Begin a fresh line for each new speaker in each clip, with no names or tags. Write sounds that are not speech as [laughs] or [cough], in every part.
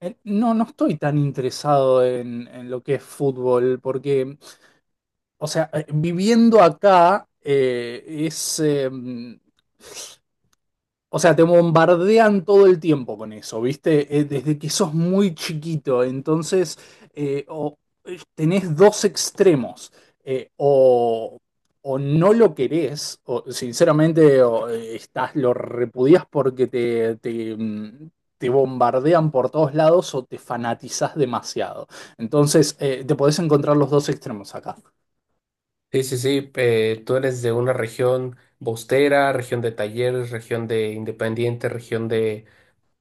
No, no estoy tan interesado en lo que es fútbol, porque, o sea, viviendo acá, es, o sea, te bombardean todo el tiempo con eso, ¿viste? Desde que sos muy chiquito, entonces eh, o, tenés dos extremos, eh, o, o no lo querés, o sinceramente, o, estás, lo repudias porque te bombardean por todos lados o te fanatizás demasiado. Entonces, te podés encontrar los dos extremos acá.
Sí, sí, sí. Tú eres de una región bostera, región de Talleres, región de Independiente, región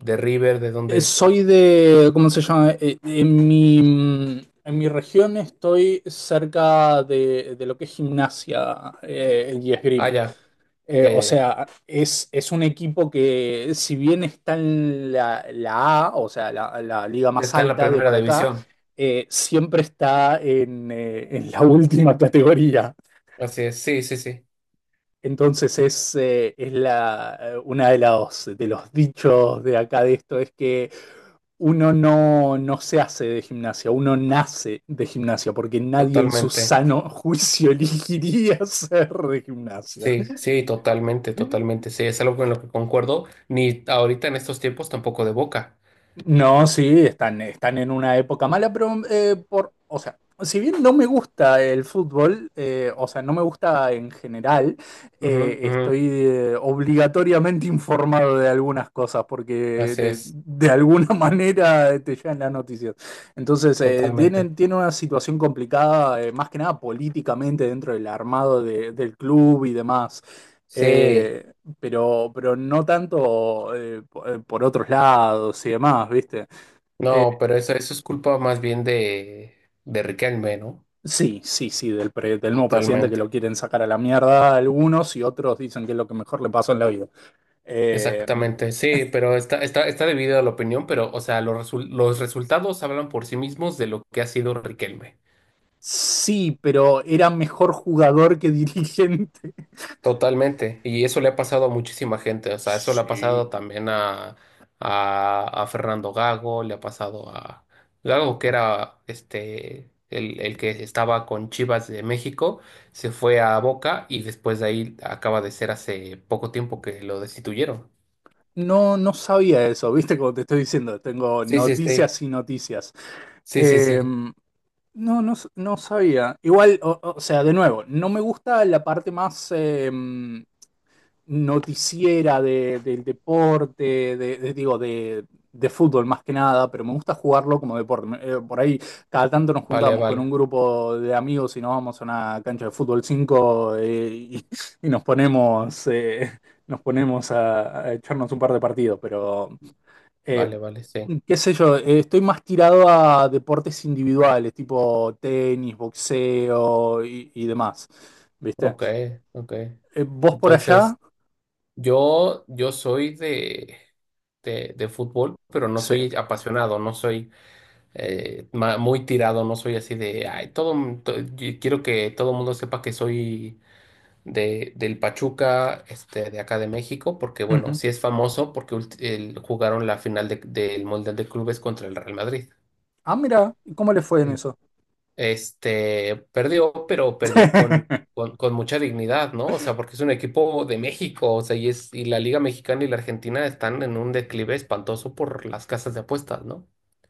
de River. ¿De dónde eres tú?
Soy de, ¿cómo se llama? En mi región estoy cerca de lo que es gimnasia, y
Ah,
esgrima.
ya, ya,
O
ya, ya.
sea, es un equipo que si bien está en la A, o sea, la liga más
Está en la
alta de
primera
por acá,
división.
siempre está en la [laughs] última categoría.
Así es. Sí, sí, sí.
Entonces es la, una de los dichos de acá de esto, es que uno no, no se hace de gimnasia, uno nace de gimnasia, porque nadie en su
Totalmente.
sano juicio [laughs] elegiría ser de gimnasia.
Sí, sí, totalmente, totalmente. Sí, es algo con lo que concuerdo. Ni ahorita en estos tiempos tampoco de Boca.
No, sí, están en una época mala, pero, o sea, si bien no me gusta el fútbol, o sea, no me gusta en general.
Ujú, ujú.
Estoy, obligatoriamente [laughs] informado de algunas cosas porque
Así
de,
es.
de alguna [laughs] manera te llegan las noticias. Entonces,
Totalmente.
tienen una situación complicada, más que nada políticamente dentro del armado del club y demás.
Sí.
Eh, pero no tanto, por otros lados y demás, ¿viste?
No, pero eso es culpa más bien de Riquelme, ¿no?
Sí, sí, sí, del nuevo presidente que
Totalmente.
lo quieren sacar a la mierda algunos, y otros dicen que es lo que mejor le pasó en la vida. Eh,
Exactamente, sí,
[laughs]
pero está dividida la opinión, pero, o sea, los resultados hablan por sí mismos de lo que ha sido Riquelme.
sí, pero era mejor jugador que [laughs] dirigente.
Totalmente. Y eso le ha pasado a muchísima gente. O sea, eso le ha
Sí.
pasado también a Fernando Gago, le ha pasado a Gago, que era este el que estaba con Chivas de México, se fue a Boca y después de ahí acaba de ser hace poco tiempo que lo destituyeron.
No, no sabía eso, ¿viste? Como te estoy diciendo, tengo
Sí, sí, sí.
noticias y noticias.
Sí, sí, sí.
Em, No, no, no sabía. Igual, o sea, de nuevo, no me gusta la parte más, noticiera del deporte, de fútbol más que nada, pero me gusta jugarlo como deporte. Por ahí cada tanto nos
Vale,
juntamos con un
vale.
grupo de amigos y nos vamos a una cancha de fútbol cinco, y nos ponemos, a echarnos un par de partidos, pero... Eh,
Vale, vale, sí.
qué sé yo, estoy más tirado a deportes individuales, tipo tenis, boxeo, y demás. ¿Viste?
Ok, ok.
¿Vos por allá?
Entonces, yo soy de fútbol, pero no
Sí.
soy apasionado, no soy muy tirado, no soy así de, ay, todo, yo quiero que todo el mundo sepa que soy de, del Pachuca, de acá de México, porque bueno,
Ujú.
sí es famoso porque jugaron la final del Mundial de Clubes contra el Real Madrid.
Ah, mira, ¿cómo le fue en eso?
Este perdió, pero perdió
[laughs]
con mucha dignidad, ¿no? O sea, porque es un equipo de México, o sea, y es, y la Liga Mexicana y la Argentina están en un declive espantoso por las casas de apuestas, ¿no?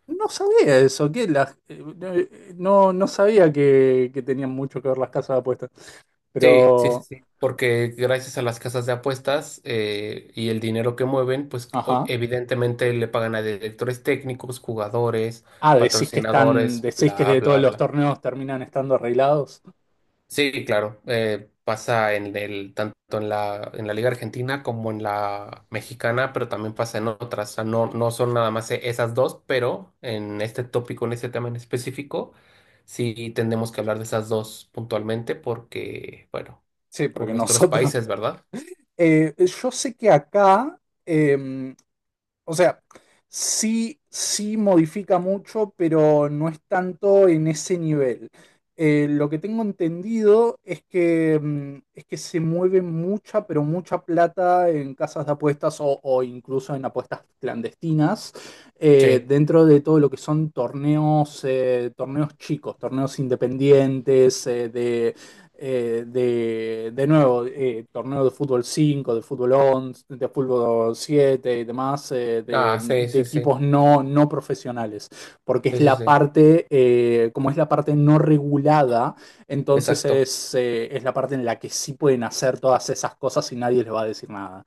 No sabía eso, que no, no sabía que tenían mucho que ver las casas de apuestas.
Sí, sí, sí,
Pero,
sí, porque gracias a las casas de apuestas y el dinero que mueven, pues
ajá.
evidentemente le pagan a directores técnicos, jugadores,
Ah,
patrocinadores,
decís que
bla,
de todos
bla,
los
bla.
torneos terminan estando arreglados.
Sí, claro. Pasa en el, tanto en la Liga Argentina como en la mexicana, pero también pasa en otras. O sea, no, no son nada más esas dos, pero en este tópico, en este tema en específico, sí tendremos que hablar de esas dos puntualmente porque, bueno,
Sí,
por
porque
nuestros
nosotros
países, ¿verdad?
Eh, yo sé que acá, em, o sea, sí, sí modifica mucho, pero no es tanto en ese nivel. Lo que tengo entendido es que, es que se mueve mucha, pero mucha plata en casas de apuestas, o incluso en apuestas clandestinas,
Sí.
dentro de todo lo que son torneos, torneos chicos, torneos independientes, de nuevo, torneo de fútbol cinco, de fútbol 11, de fútbol 7 y demás,
Ah, sí,
de
sí, sí.
equipos no, no profesionales, porque es
Sí, sí,
la
sí.
parte, como es la parte no regulada, entonces
Exacto,
es la parte en la que sí pueden hacer todas esas cosas y nadie les va a decir nada.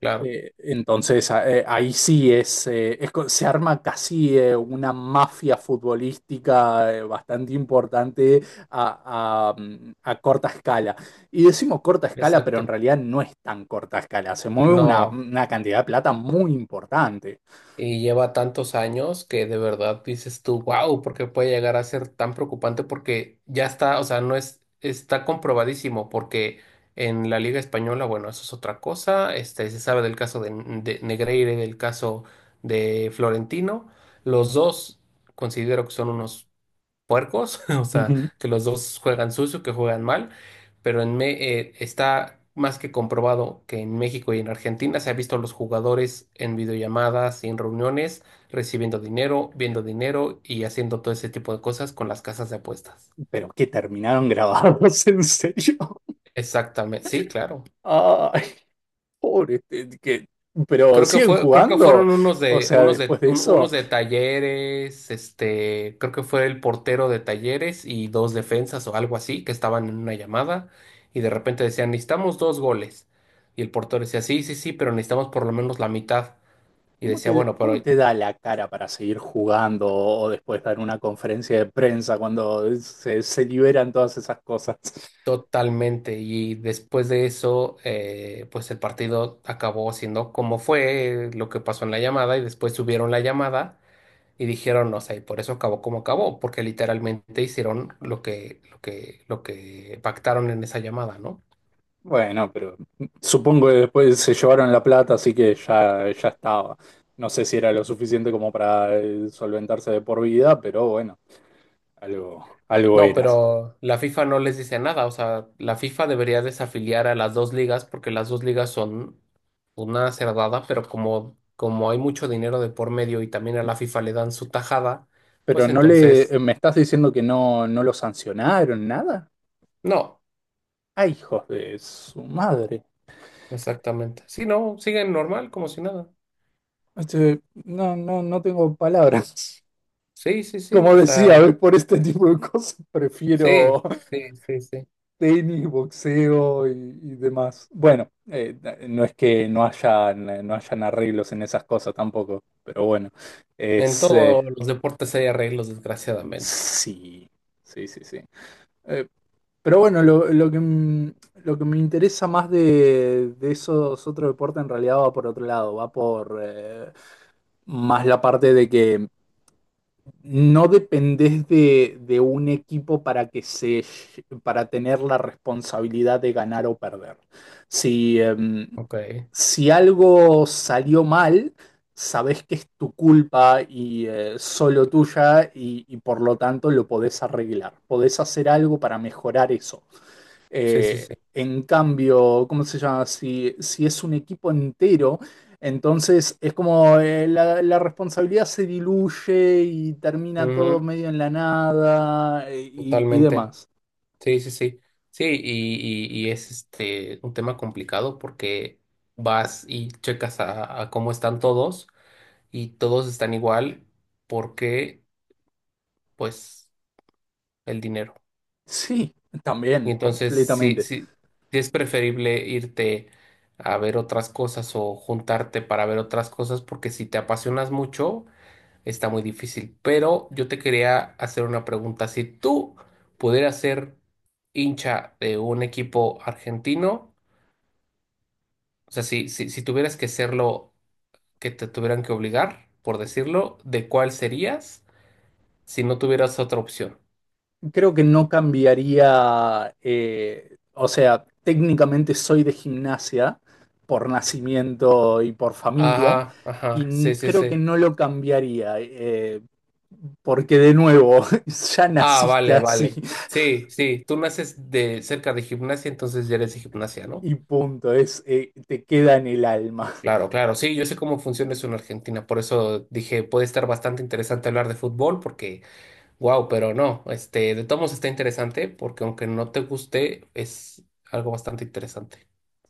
claro.
Entonces, ahí sí se arma casi, una mafia futbolística, bastante importante a corta escala. Y decimos corta escala, pero en
Exacto.
realidad no es tan corta escala. Se mueve una,
No.
una cantidad de plata muy importante.
Y lleva tantos años que de verdad dices tú, wow, ¿por qué puede llegar a ser tan preocupante? Porque ya está, o sea, no es, está comprobadísimo, porque en la Liga Española, bueno, eso es otra cosa, se sabe del caso de Negreira y del caso de Florentino, los dos considero que son unos puercos, [laughs] o sea,
Ujú.
que los dos juegan sucio, que juegan mal, pero está más que comprobado que en México y en Argentina se ha visto a los jugadores en videollamadas y en reuniones recibiendo dinero, viendo dinero y haciendo todo ese tipo de cosas con las casas de apuestas.
Pero que terminaron grabados, [laughs] en serio.
Exactamente, sí, claro.
Ay, pobre, este, que, pero siguen
Creo que
jugando.
fueron unos
O
de,
sea,
unos
después
de,
de
un- unos
eso.
de Talleres, creo que fue el portero de Talleres y dos defensas o algo así que estaban en una llamada y de repente decían, necesitamos dos goles. Y el portero decía, sí, sí, sí, pero necesitamos por lo menos la mitad. Y decía, bueno, pero
¿Cómo te da la cara para seguir jugando o después dar una conferencia de prensa cuando se liberan todas esas cosas?
totalmente. Y después de eso, pues el partido acabó siendo como fue lo que pasó en la llamada y después subieron la llamada. Y dijeron, o sea, y por eso acabó como acabó, porque literalmente hicieron lo que pactaron en esa llamada, ¿no?
Bueno, pero supongo que después se llevaron la plata, así que ya, ya estaba. No sé si era lo suficiente como para, solventarse de por vida, pero bueno, algo, algo
No,
eras.
pero la FIFA no les dice nada, o sea, la FIFA debería desafiliar a las dos ligas porque las dos ligas son una cerdada, pero como hay mucho dinero de por medio y también a la FIFA le dan su tajada,
Pero
pues
no le,
entonces,
¿Me estás diciendo que no, no lo sancionaron, nada?
no,
Ay, hijos de su madre.
exactamente. Sí, no, siguen normal, como si nada.
Este, no, no, no tengo palabras.
Sí, sí, sí,
Como
o
decía,
sea,
¿ves? Por este [laughs] tipo de cosas
sí,
prefiero
sí, sí, sí.
tenis, boxeo, y demás. Bueno, no es que no hayan arreglos en esas cosas tampoco, pero bueno,
En
es...
todos los deportes hay arreglos, desgraciadamente.
sí, sí, sí, sí. Eh, pero bueno, lo que me interesa más de esos otros deportes en realidad va por otro lado, va por, más la parte de que no dependés de un equipo para que se para tener la responsabilidad de ganar o perder. Si, em,
Ok.
si algo salió mal, sabés que es tu culpa y, solo tuya, y por lo tanto lo podés arreglar. Podés hacer algo para mejorar eso.
Sí, sí, sí.
En cambio, ¿cómo se llama? Si es un equipo entero, entonces es como, la responsabilidad se diluye y termina todo
Ujú.
medio en la nada, y
Totalmente.
demás.
Sí, sí, sí. Sí, y es este un tema complicado porque vas y checas a cómo están todos y todos están igual porque, pues, el dinero.
Sí,
Y
también,
entonces, sí,
completamente.
sí, sí es preferible irte a ver otras cosas o juntarte para ver otras cosas porque si te apasionas mucho. Está muy difícil, pero yo te quería hacer una pregunta. Si tú pudieras ser hincha de un equipo argentino, o sea, si tuvieras que serlo, que te tuvieran que obligar, por decirlo, ¿de cuál serías si no tuvieras otra opción?
Creo que no cambiaría, o sea, técnicamente soy de gimnasia por nacimiento y por familia,
Ajá, ajá, sí, sí,
creo que
sí.
no lo cambiaría, porque de nuevo, [laughs] ya
Ah,
naciste
vale,
así
vale. Sí, sí, tú naces de cerca de gimnasia, entonces ya eres de gimnasia, ¿no?
y punto, es, te queda en el alma.
Claro, claro, sí, yo sé cómo funciona eso en Argentina, por eso dije, puede estar bastante interesante hablar de fútbol, porque... Wow, pero no, de todos modos está interesante porque aunque no te guste, es algo bastante interesante.